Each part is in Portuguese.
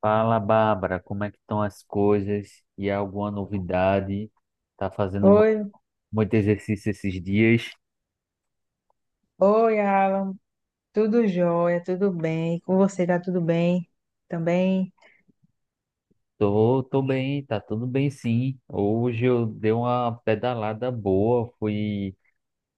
Fala, Bárbara, como é que estão as coisas? E há alguma novidade? Tá fazendo Oi, muito exercício esses dias? oi, Alan. Tudo jóia, tudo bem? Com você tá tudo bem também? Tô bem, tá tudo bem sim. Hoje eu dei uma pedalada boa, fui,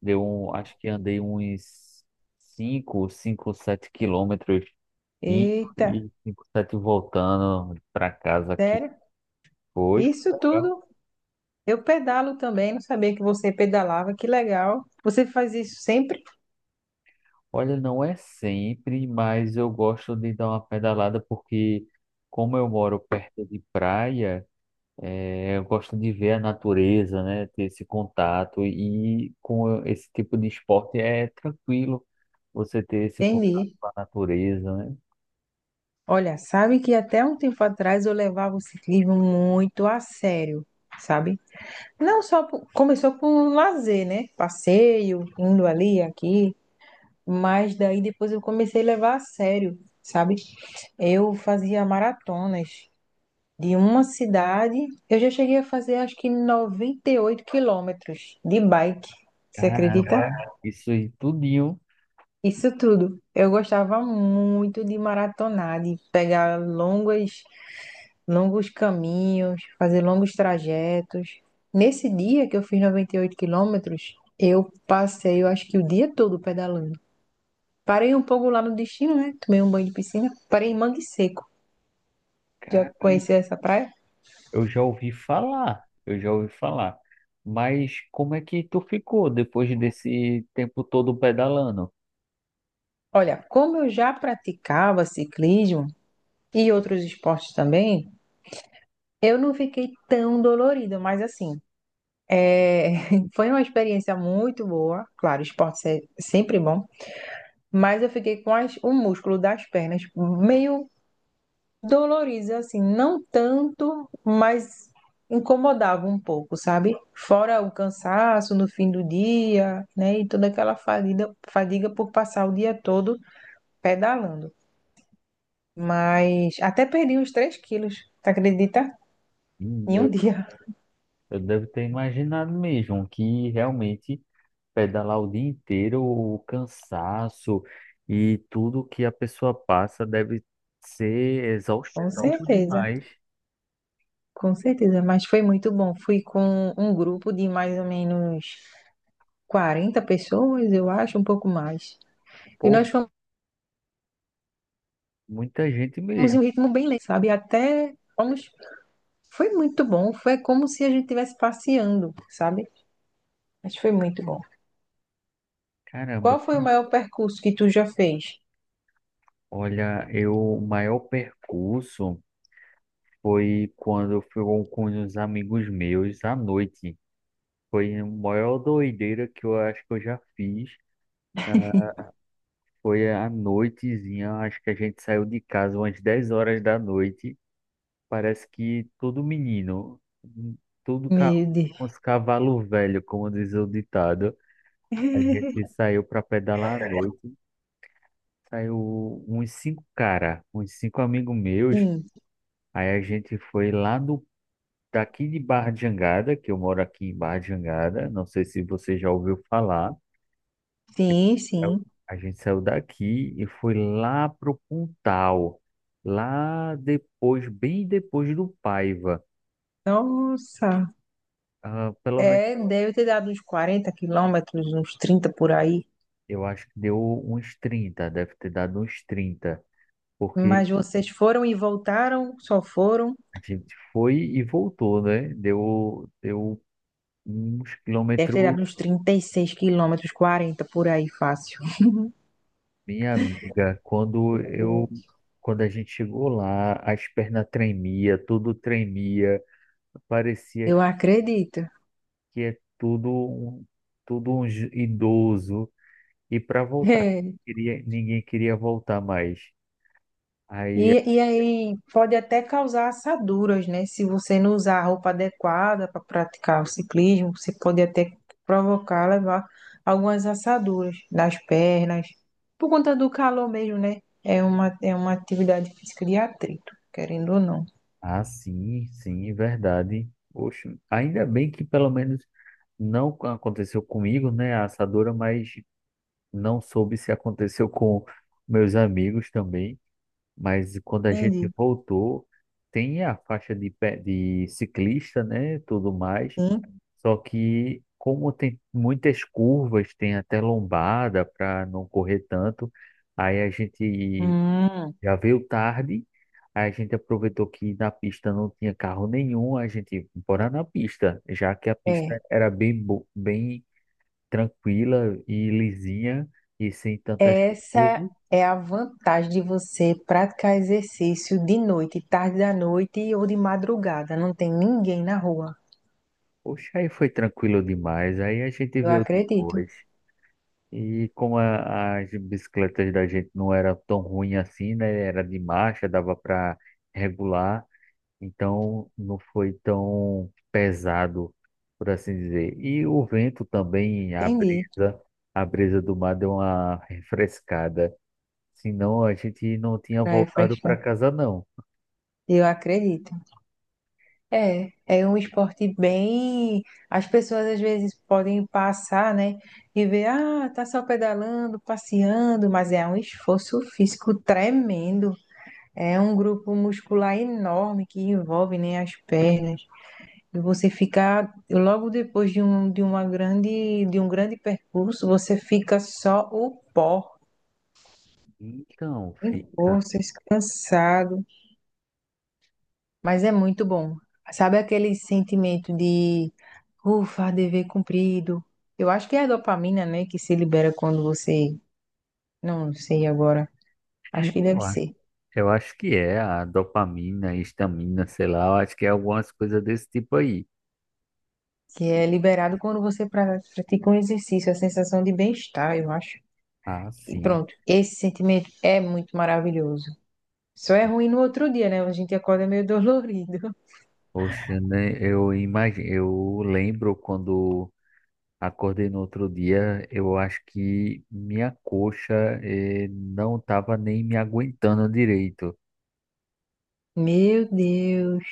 acho que andei uns cinco, 7 quilômetros e Eita, 5, 7 voltando para casa aqui. sério? Foi Isso legal. tudo? Eu pedalo também, não sabia que você pedalava, que legal. Você faz isso sempre? Olha, não é sempre, mas eu gosto de dar uma pedalada porque, como eu moro perto de praia, eu gosto de ver a natureza, né? Ter esse contato e com esse tipo de esporte é tranquilo você ter esse contato Entendi. com a natureza, né? Olha, sabe que até um tempo atrás eu levava o ciclismo muito a sério, sabe? Não só por- Começou com lazer, né? Passeio, indo ali, aqui, mas daí depois eu comecei a levar a sério, sabe? Eu fazia maratonas de uma cidade. Eu já cheguei a fazer acho que 98 quilômetros de bike. Você acredita? Caramba, isso aí tudinho, Isso tudo. Eu gostava muito de maratonar, de pegar longos caminhos, fazer longos trajetos. Nesse dia que eu fiz 98 quilômetros, eu acho que o dia todo pedalando. Parei um pouco lá no destino, né? Tomei um banho de piscina. Parei em Mangue Seco. Já cara, conheci essa praia? eu já ouvi falar, eu já ouvi falar. Mas como é que tu ficou depois desse tempo todo pedalando? Olha, como eu já praticava ciclismo e outros esportes também, eu não fiquei tão dolorida, mas assim, é, foi uma experiência muito boa. Claro, esporte é sempre bom, mas eu fiquei com o músculo das pernas meio dolorido, assim, não tanto, mas incomodava um pouco, sabe? Fora o cansaço no fim do dia, né? E toda aquela fadiga por passar o dia todo pedalando. Mas até perdi uns 3 quilos, tu acredita? Em um dia, Eu devo ter imaginado mesmo que realmente pedalar o dia inteiro, o cansaço e tudo que a pessoa passa deve ser com exaustivo certeza, demais. com certeza. Mas foi muito bom. Fui com um grupo de mais ou menos 40 pessoas, eu acho, um pouco mais. E nós Poxa, muita gente fomos em um mesmo. ritmo bem lento, sabe? Até fomos. Foi muito bom. Foi como se a gente estivesse passeando, sabe? Mas foi muito bom. Caramba, Qual foi o maior percurso que tu já fez? olha, o maior percurso foi quando eu fui com os amigos meus à noite. Foi a maior doideira que eu acho que eu já fiz. Foi à noitezinha, acho que a gente saiu de casa umas 10 horas da noite. Parece que todo menino, todo ca... Meu Deus. uns cavalo velho, como diz o ditado, a gente saiu para pedalar à noite, saiu uns cinco cara, uns cinco amigos meus, Sim, aí a gente foi lá do daqui de Barra de Jangada, que eu moro aqui em Barra de Jangada, não sei se você já ouviu falar. sim, Eu- sim. a gente saiu daqui e foi lá pro Pontal, lá depois, bem depois do Paiva. Nossa. Ah, pelo menos É, deve ter dado uns 40 quilômetros, uns 30 por aí. eu acho que deu uns trinta deve ter dado uns 30 porque Mas vocês foram e voltaram, só foram. a gente foi e voltou, né? Deu uns Deve ter quilômetros, dado uns 36 quilômetros, 40 por aí, fácil. minha amiga, quando a gente chegou lá, as pernas tremia, tudo tremia, parecia Eu que, acredito. que é tudo, tudo um idoso, e para voltar, ninguém queria voltar mais. Aí. E aí pode até causar assaduras, né? Se você não usar a roupa adequada para praticar o ciclismo, você pode até provocar, levar algumas assaduras nas pernas, por conta do calor mesmo, né? É uma atividade física de atrito, querendo ou não. Ah, sim, sim, verdade. Poxa, ainda bem que pelo menos não aconteceu comigo, né, a assadura, mas não soube se aconteceu com meus amigos também. Mas quando a gente Entendi. voltou, tem a faixa de ciclista, né, tudo mais. Sim. Só que como tem muitas curvas, tem até lombada para não correr tanto, aí a gente Hum, já veio tarde, aí a gente aproveitou que na pista não tinha carro nenhum, a gente bora na pista, já que a é. pista era bem tranquila e lisinha e sem tantas Essa curvas. é a vantagem de você praticar exercício de noite, tarde da noite ou de madrugada. Não tem ninguém na rua. Poxa, aí foi tranquilo demais. Aí a gente Eu veio acredito. depois. E como as bicicletas da gente não era tão ruim assim, né? Era de marcha, dava para regular. Então não foi tão pesado, por assim dizer. E o vento também, a Entendi. brisa, a brisa do mar deu uma refrescada. Senão a gente não tinha Pra voltado para refrescar. casa, não. Eu acredito. É um esporte bem. As pessoas às vezes podem passar, né? E ver, ah, tá só pedalando, passeando, mas é um esforço físico tremendo. É um grupo muscular enorme que envolve, né, as pernas. E você fica, logo depois de um grande percurso, você fica só o pó, Então em fica. forças, cansado. Mas é muito bom. Sabe aquele sentimento de ufa, dever cumprido? Eu acho que é a dopamina, né, que se libera quando você. Não, sei agora. Acho que deve Eu acho, ser. eu acho que é a dopamina, a histamina, sei lá. Eu acho que é algumas coisas desse tipo aí. Que é liberado quando você pratica um exercício, a sensação de bem-estar, eu acho. Ah, E sim. pronto, esse sentimento é muito maravilhoso. Só é ruim no outro dia, né? A gente acorda meio dolorido. Poxa, né? Eu imagino, eu lembro quando acordei no outro dia, eu acho que minha coxa não estava nem me aguentando direito, Meu Deus.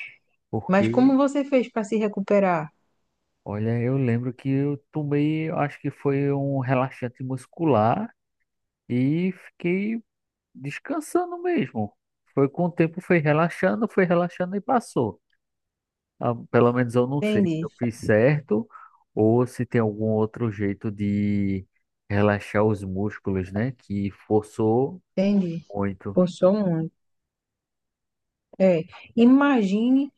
Mas porque, como você fez para se recuperar? olha, eu lembro que eu tomei, acho que foi um relaxante muscular e fiquei descansando mesmo. Foi com o tempo, foi relaxando e passou. Ah, pelo menos eu não sei se Entendi, eu fiz certo ou se tem algum outro jeito de relaxar os músculos, né? Que forçou entendi. muito. Forçou muito. É. Imagine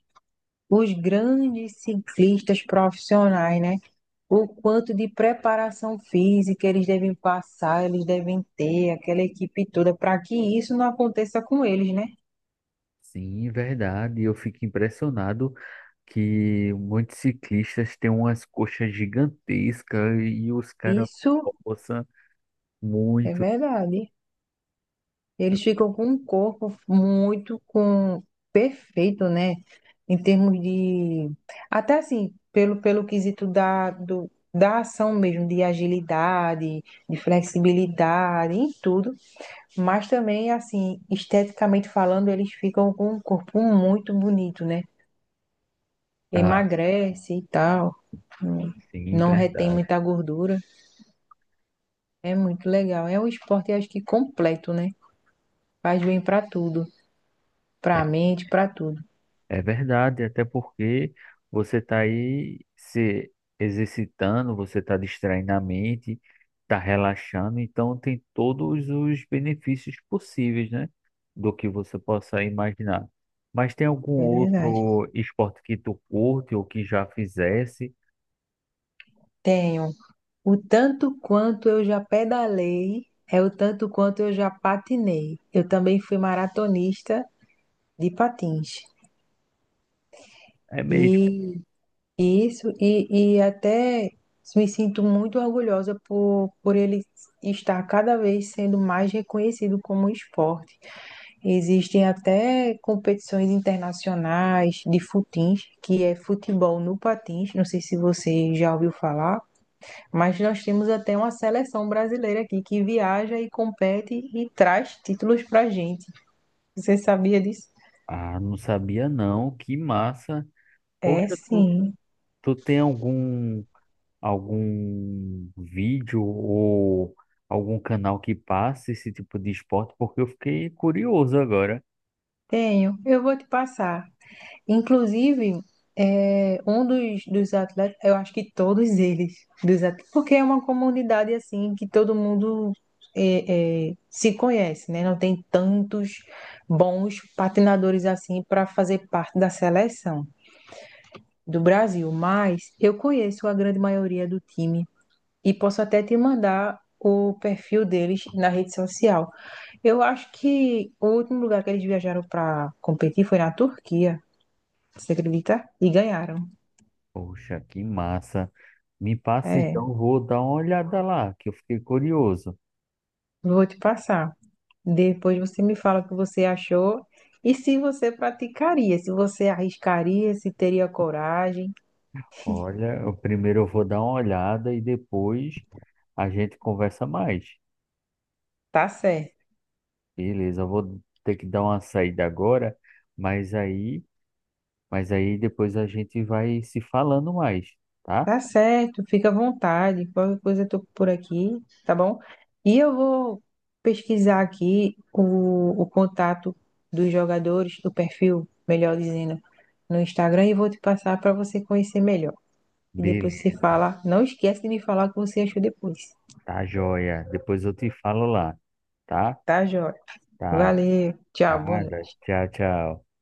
os grandes ciclistas profissionais, né? O quanto de preparação física eles devem passar, eles devem ter, aquela equipe toda, para que isso não aconteça com eles, né? Sim, verdade. Eu fico impressionado que muitos ciclistas têm umas coxas gigantescas e os caras Isso forçam é muito. verdade. Eles ficam com um corpo muito com perfeito, né? Em termos de. Até assim, pelo quesito da ação mesmo, de agilidade, de flexibilidade, em tudo. Mas também, assim, esteticamente falando, eles ficam com um corpo muito bonito, né? Ah, Emagrece e tal, hum, sim, não retém verdade. muita gordura. É muito legal. É um esporte, acho que completo, né? Faz bem pra tudo, É pra mente, pra tudo. É verdade, até porque você está aí se exercitando, você está distraindo a mente, está relaxando, então tem todos os benefícios possíveis, né? Do que você possa imaginar. Mas tem algum É verdade. outro esporte que tu curte ou que já fizesse? Tenho. O tanto quanto eu já pedalei é o tanto quanto eu já patinei. Eu também fui maratonista de patins. É mesmo. E isso, e até me sinto muito orgulhosa por ele estar cada vez sendo mais reconhecido como esporte. Existem até competições internacionais de futins, que é futebol no patins, não sei se você já ouviu falar, mas nós temos até uma seleção brasileira aqui que viaja e compete e traz títulos para gente. Você sabia disso? Ah, não sabia não, que massa. É, Poxa, tu, sim, tu tem algum vídeo ou algum canal que passe esse tipo de esporte, porque eu fiquei curioso agora. tenho. Eu vou te passar. Inclusive, um dos atletas, eu acho que todos eles, dos atletas, porque é uma comunidade assim que todo mundo se conhece, né? Não tem tantos bons patinadores assim para fazer parte da seleção do Brasil, mas eu conheço a grande maioria do time e posso até te mandar o perfil deles na rede social. Eu acho que o último lugar que eles viajaram para competir foi na Turquia, você acredita? E ganharam. Poxa, que massa. Me passa É, então, eu vou dar uma olhada lá, que eu fiquei curioso. vou te passar. Depois você me fala o que você achou e se você praticaria, se você arriscaria, se teria coragem. Olha, eu primeiro eu vou dar uma olhada e depois a gente conversa mais. Tá certo, Beleza, eu vou ter que dar uma saída agora, mas aí, mas aí depois a gente vai se falando mais, tá? tá certo, fica à vontade. Qualquer coisa eu tô por aqui, tá bom? E eu vou pesquisar aqui o contato dos jogadores, do perfil, melhor dizendo, no Instagram e vou te passar para você conhecer melhor. E depois você Beleza, fala, não esquece de me falar o que você achou depois, tá joia. Depois eu te falo lá. Tá? tá, joia? Tá. Valeu, tchau, Tá. boa noite. Tchau, tchau.